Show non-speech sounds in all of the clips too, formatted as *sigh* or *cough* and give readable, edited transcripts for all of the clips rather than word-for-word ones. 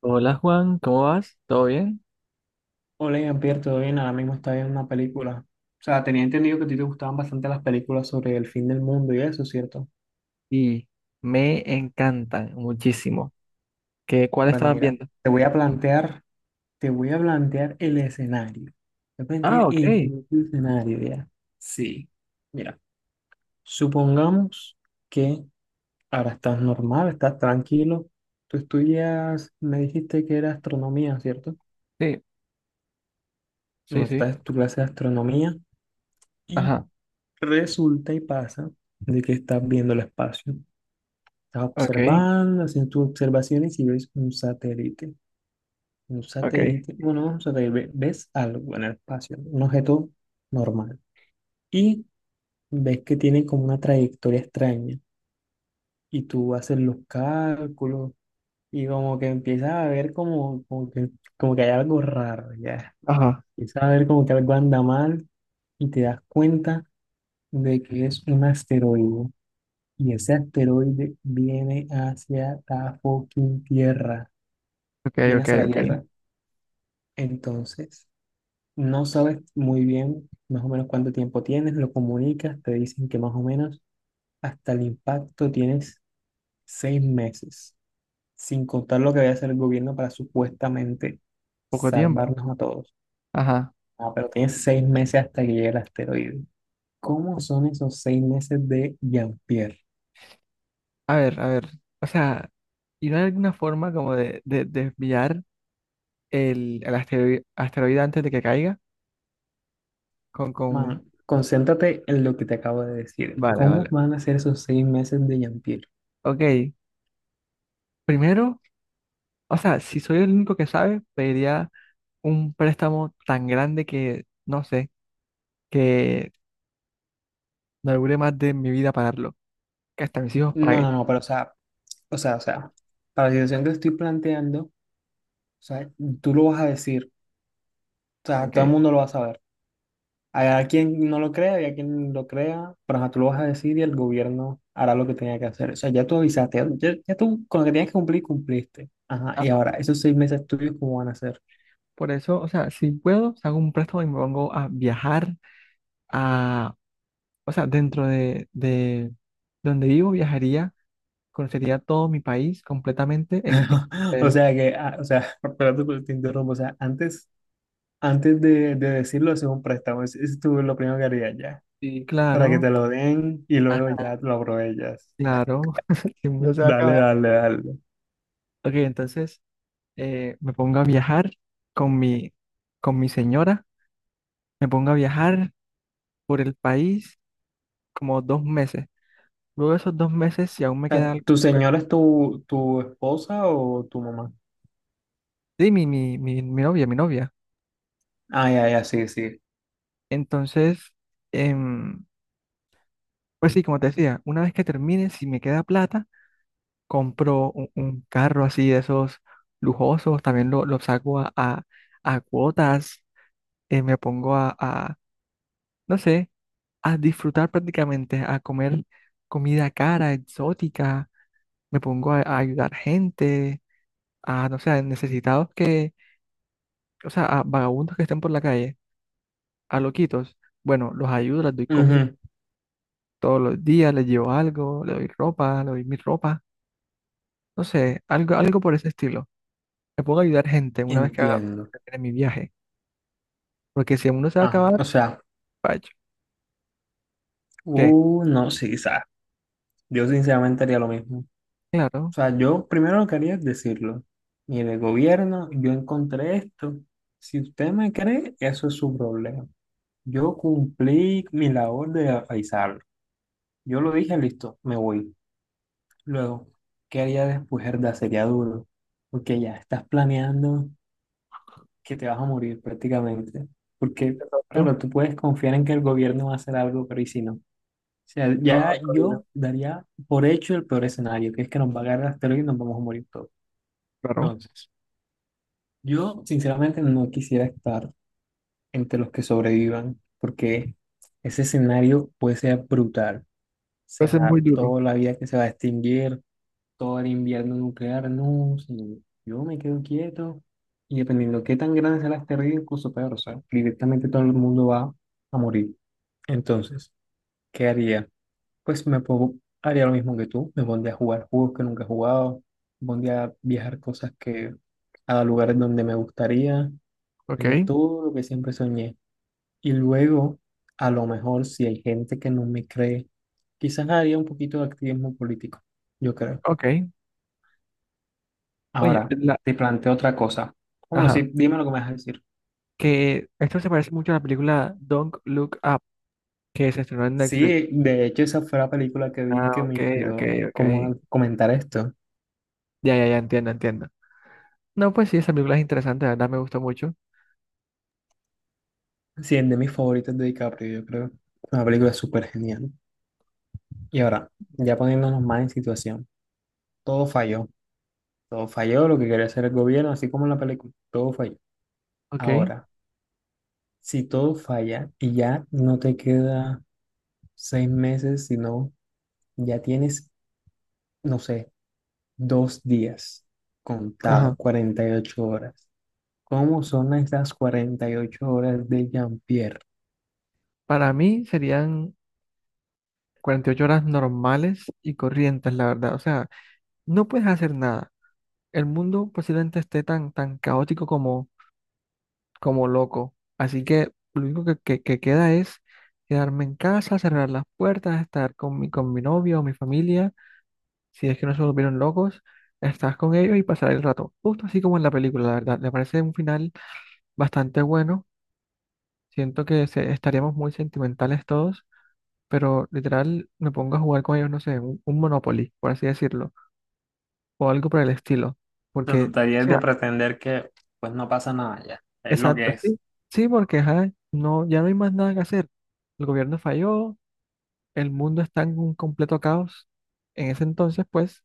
Hola Juan, ¿cómo vas? ¿Todo bien? Hola, Jean-Pierre, ¿todo bien? Ahora mismo estaba viendo una película. O sea, tenía entendido que a ti te gustaban bastante las películas sobre el fin del mundo y eso, ¿cierto? Y me encantan muchísimo. ¿Qué, cuál Bueno, estabas mira, viendo? te voy a plantear, te voy a plantear el escenario. Te voy a plantear Ah, ok. el propio escenario, ¿ya? Sí. Mira, supongamos que ahora estás normal, estás tranquilo. Tú estudias, me dijiste que era astronomía, ¿cierto? Sí, sí, No, sí. estás en tu clase de astronomía y Ajá. resulta y pasa de que estás viendo el espacio. Estás Ok, observando, haciendo tus observaciones y ves un satélite. Un ok. satélite, bueno, no es un satélite, ves algo en el espacio, un objeto normal. Y ves que tiene como una trayectoria extraña. Y tú haces los cálculos y como que empiezas a ver como que hay algo raro, ya. Ajá. Empiezas a ver como que algo anda mal y te das cuenta de que es un asteroide. Y ese asteroide viene hacia la fucking Tierra. Ok, Viene ok, hacia la ok. Tierra. Entonces, no sabes muy bien más o menos cuánto tiempo tienes, lo comunicas, te dicen que más o menos hasta el impacto tienes 6 meses, sin contar lo que vaya a hacer el gobierno para supuestamente Poco tiempo. salvarnos a todos. Ajá. Ah, pero tienes 6 meses hasta que llegue el asteroide. ¿Cómo son esos 6 meses de Jean-Pierre? A ver, a ver. O sea, ¿y no hay alguna forma como desviar el asteroide antes de que caiga? Con, con... Man, concéntrate en lo que te acabo de decir. Vale, ¿Cómo vale. van a ser esos 6 meses de Jean-Pierre? Ok. Primero, o sea, si soy el único que sabe, pediría un préstamo tan grande que, no sé, que no dure más de mi vida pagarlo, que hasta mis hijos No, paguen. no, no, pero o sea, para la situación que estoy planteando, o sea, tú lo vas a decir. O sea, Ok. todo el mundo lo va a saber. Hay quien no lo crea y a quien lo crea, pero ajá, tú lo vas a decir y el gobierno hará lo que tenga que hacer. O sea, ya tú avisaste, ya, ya tú con lo que tenías que cumplir, cumpliste. Ajá, y Ajá. ahora, esos 6 meses tuyos, ¿cómo van a ser? Por eso, o sea, si puedo, hago un préstamo y me pongo a viajar a, o sea, dentro de donde vivo, viajaría, conocería todo mi país completamente *laughs* O en- sea, que, ah, o sea, *laughs* perdón, pero te interrumpo. O sea, antes, antes de decirlo, es un préstamo. Es tú lo primero que harías ya, sí, para que claro, te lo den y ah, luego ya lo aprovechas. claro, *laughs* el *laughs* mundo se va a Dale, acabar. dale, dale. Ok, entonces me pongo a viajar con mi, con mi señora, me pongo a viajar por el país como 2 meses. Luego de esos 2 meses, si aún me Sea, queda algo. ¿tu señora es tu, tu esposa o tu mamá? Sí, mi, novia, mi novia. Ah, ya, ya, sí, sí. Entonces, em, pues sí, como te decía, una vez que termine, si me queda plata, compro un carro así de esos lujosos, también lo saco a cuotas, me pongo no sé, a disfrutar prácticamente, a comer comida cara, exótica, me pongo a ayudar gente, a, no sé, a necesitados que, o sea, a vagabundos que estén por la calle, a loquitos. Bueno, los ayudo, les doy comida. Ujú. Todos los días le llevo algo, le doy ropa, le doy mi ropa, no sé, algo, algo por ese estilo. Me pongo a ayudar gente una vez que Entiendo. termine mi viaje, porque si el mundo se va a Ajá. acabar, O sea, vaya, ¿qué? No, sí, sabes. Yo sinceramente haría lo mismo. O Claro, sea, yo primero lo que haría es decirlo. Mire, gobierno, yo encontré esto. Si usted me cree, eso es su problema. Yo cumplí mi labor de avisarlo. Yo lo dije, listo, me voy. Luego, ¿qué haría después? Herda, sería duro. Porque ya estás planeando que te vas a morir prácticamente. Porque, de claro, tú puedes confiar en que el gobierno va a hacer algo, pero ¿y si no? O sea, a ya otra yo vida, daría por hecho el peor escenario, que es que nos va a agarrar el asteroide y nos vamos a morir todos. claro, Entonces, yo sinceramente no quisiera estar entre los que sobrevivan, porque ese escenario puede ser brutal. O va a ser muy sea, duro, toda la vida que se va a extinguir, todo el invierno nuclear, no, señor. Yo me quedo quieto y dependiendo qué tan grande sea la asteroide, incluso peor, o sea, directamente todo el mundo va a morir. Entonces, ¿qué haría? Pues me pongo- Haría lo mismo que tú, me pondría a jugar juegos que nunca he jugado, me pondría a viajar cosas que a lugares donde me gustaría, haría ¿ok? todo lo que siempre soñé. Y luego, a lo mejor, si hay gente que no me cree, quizás haría un poquito de activismo político, yo creo. Ok, oye, Ahora, te planteo otra cosa. Bueno, ajá, sí, dime lo que me vas a decir. que esto se parece mucho a la película Don't Look Up, que se estrenó en Netflix. Sí, de hecho, esa fue la película que vi Ah, que me ok, ok, inspiró ok, como a comentar esto. ya, ya, ya, entiendo, entiendo. No, pues sí, esa película es interesante, la verdad me gustó mucho, Sí, es de mis favoritos de DiCaprio, yo creo. Una película súper genial. Y ahora, ya poniéndonos más en situación, todo falló. Todo falló lo que quería hacer el gobierno, así como en la película. Todo falló. ok, Ahora, si todo falla y ya no te queda 6 meses, sino ya tienes, no sé, 2 días contado, ajá. 48 horas. ¿Cómo son estas 48 horas de Jean-Pierre? Para mí serían 48 horas normales y corrientes, la verdad. O sea, no puedes hacer nada. El mundo posiblemente esté tan, tan caótico como loco. Así que lo único que queda es quedarme en casa, cerrar las puertas, estar con mi novio o mi familia. Si es que no se volvieron locos, estar con ellos y pasar el rato. Justo así como en la película, la verdad. Me parece un final bastante bueno. Siento que estaríamos muy sentimentales todos, pero literal me pongo a jugar con ellos, no sé, un Monopoly, por así decirlo o algo por el estilo. Se Porque, o trataría sea, de pretender que pues no pasa nada ya, es lo exacto, que es. sí, sí, porque ajá, no, ya no hay más nada que hacer. El gobierno falló, el mundo está en un completo caos en ese entonces, pues,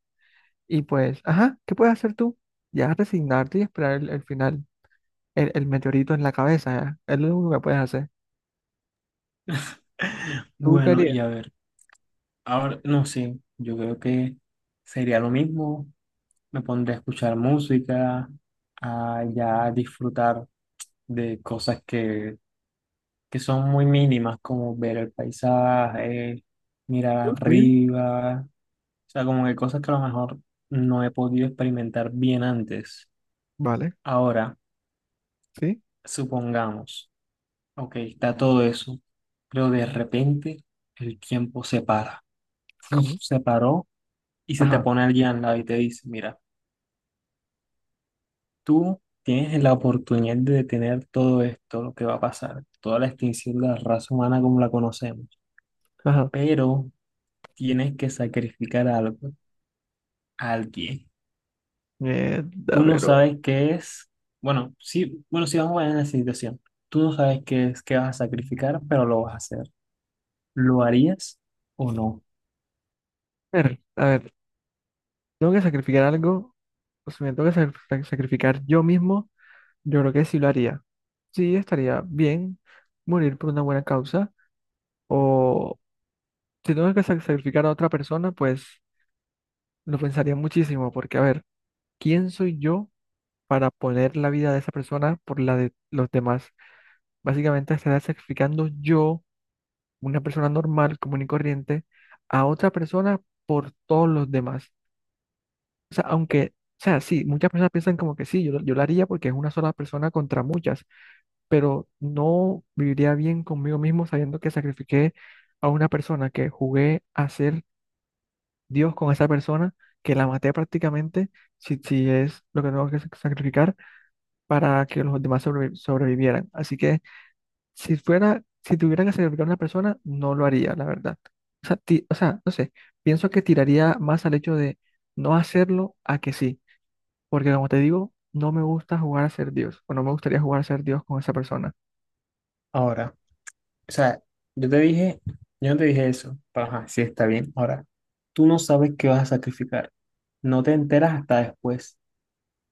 y pues, ajá, ¿qué puedes hacer tú? Ya resignarte y esperar el final, el meteorito en la cabeza, ya. Es lo único que puedes hacer. *laughs* ¿Tú Bueno, y querías? a ver, ahora no sé, yo creo que sería lo mismo. Me pondré a escuchar música, a ya disfrutar de cosas que son muy mínimas, como ver el paisaje, mirar Sí. arriba, o sea, como que cosas que a lo mejor no he podido experimentar bien antes. Vale, Ahora, sí, supongamos, ok, está todo eso, pero de repente el tiempo se para. Uf, ¿cómo? se paró y se te Ajá, pone alguien al lado y te dice, mira, tú tienes la oportunidad de detener todo esto, lo que va a pasar, toda la extinción de la raza humana como la conocemos, ajá. pero tienes que sacrificar algo, a alguien. Mierda, Tú no pero. sabes qué es, bueno, sí, bueno, sí vamos a ver en la situación. Tú no sabes qué es, qué vas a sacrificar, pero lo vas a hacer. ¿Lo harías o no? A ver, tengo que sacrificar algo, o sea, me tengo que sacrificar yo mismo. Yo creo que sí lo haría. Sí, estaría bien morir por una buena causa. O si tengo que sacrificar a otra persona, pues lo pensaría muchísimo, porque a ver, ¿quién soy yo para poner la vida de esa persona por la de los demás? Básicamente estaría sacrificando yo, una persona normal, común y corriente, a otra persona por todos los demás. O sea, aunque, o sea, sí, muchas personas piensan como que sí, yo, yo lo haría porque es una sola persona contra muchas, pero no viviría bien conmigo mismo sabiendo que sacrifiqué a una persona, que jugué a ser Dios con esa persona, que la maté prácticamente, si es lo que tengo que sacrificar para que los demás sobrevivieran. Así que si fuera, si tuviera que sacrificar a una persona, no lo haría, la verdad. O sea, o sea, no sé, pienso que tiraría más al hecho de no hacerlo a que sí, porque como te digo, no me gusta jugar a ser Dios, o no me gustaría jugar a ser Dios con esa persona. Ahora. O sea, yo te dije, yo no te dije eso, pero ajá, sí está bien. Ahora, tú no sabes qué vas a sacrificar. No te enteras hasta después.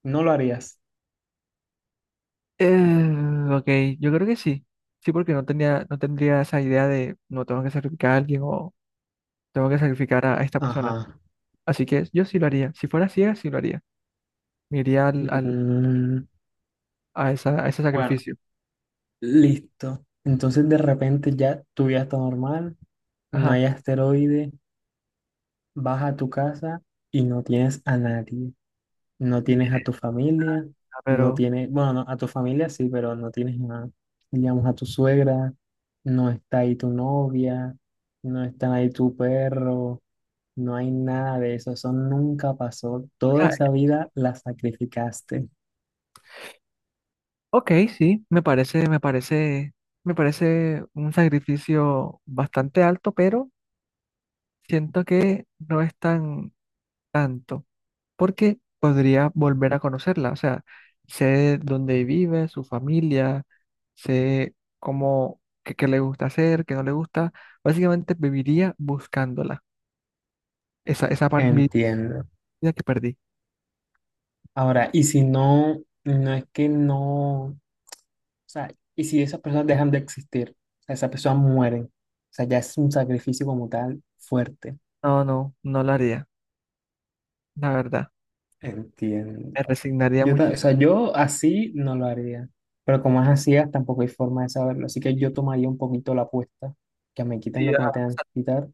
No lo harías. Eh, ok, yo creo que sí. Sí, porque no tenía, no tendría esa idea de no tengo que sacrificar a alguien o tengo que sacrificar a esta persona. Ajá. Así que yo sí lo haría. Si fuera ciega, sí lo haría. Me iría Mm, a ese bueno, sacrificio. listo. Entonces de repente ya tu vida está normal, no Ajá. hay asteroide, vas a tu casa y no tienes a nadie. No Ya. tienes a tu familia, Pero, no o tienes, bueno, no, a tu familia sí, pero no tienes a, digamos, a tu suegra, no está ahí tu novia, no está ahí tu perro, no hay nada de eso, eso nunca pasó. Toda sea, esa vida la sacrificaste. ok, sí, me parece un sacrificio bastante alto, pero siento que no es tan tanto, porque podría volver a conocerla. O sea, sé dónde vive, su familia, sé cómo, qué le gusta hacer, qué no le gusta. Básicamente viviría buscándola. Esa parte de mi Entiendo. vida que perdí. Ahora, y si no, no es que no, o sea, y si esas personas dejan de existir, o sea, esas personas mueren, o sea, ya es un sacrificio como tal fuerte. No, no, no la haría, la verdad. Entiendo. Me resignaría Yo, o muchísimo. sea, yo así no lo haría, pero como es así, ah, tampoco hay forma de saberlo, así que yo tomaría un poquito la apuesta, que me quiten Sí, lo que ajá, me tengan que exacto, quitar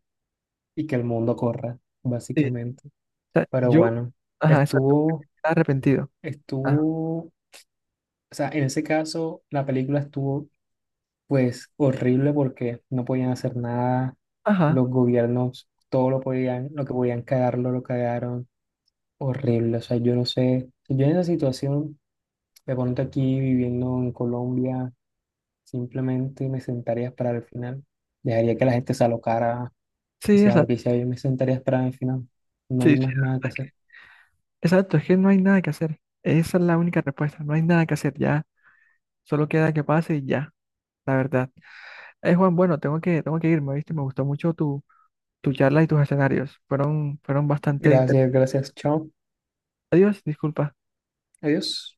y que el mundo corra, sí. básicamente. O sea, Pero yo, bueno, ajá, exacto, estuvo, arrepentido. Ajá, estuvo, o sea, en ese caso la película estuvo pues horrible porque no podían hacer nada, ajá, los gobiernos todo lo podían, lo que podían cagarlo, lo cagaron, horrible, o sea, yo no sé, yo en esa situación, de pronto aquí viviendo en Colombia simplemente me sentaría a esperar el final. Dejaría que la gente se alocara, sí, hiciera lo que exacto. hiciera, yo me sentaría a esperar el final. No hay Sí, sí, más la nada que verdad hacer. es exacto, es que no hay nada que hacer. Esa es la única respuesta, no hay nada que hacer, ya. Solo queda que pase y ya. La verdad. Juan, bueno, tengo que irme, ¿viste? Me gustó mucho tu charla y tus escenarios. Fueron bastante Gracias, interesantes. gracias, chao. Adiós, disculpa. Adiós.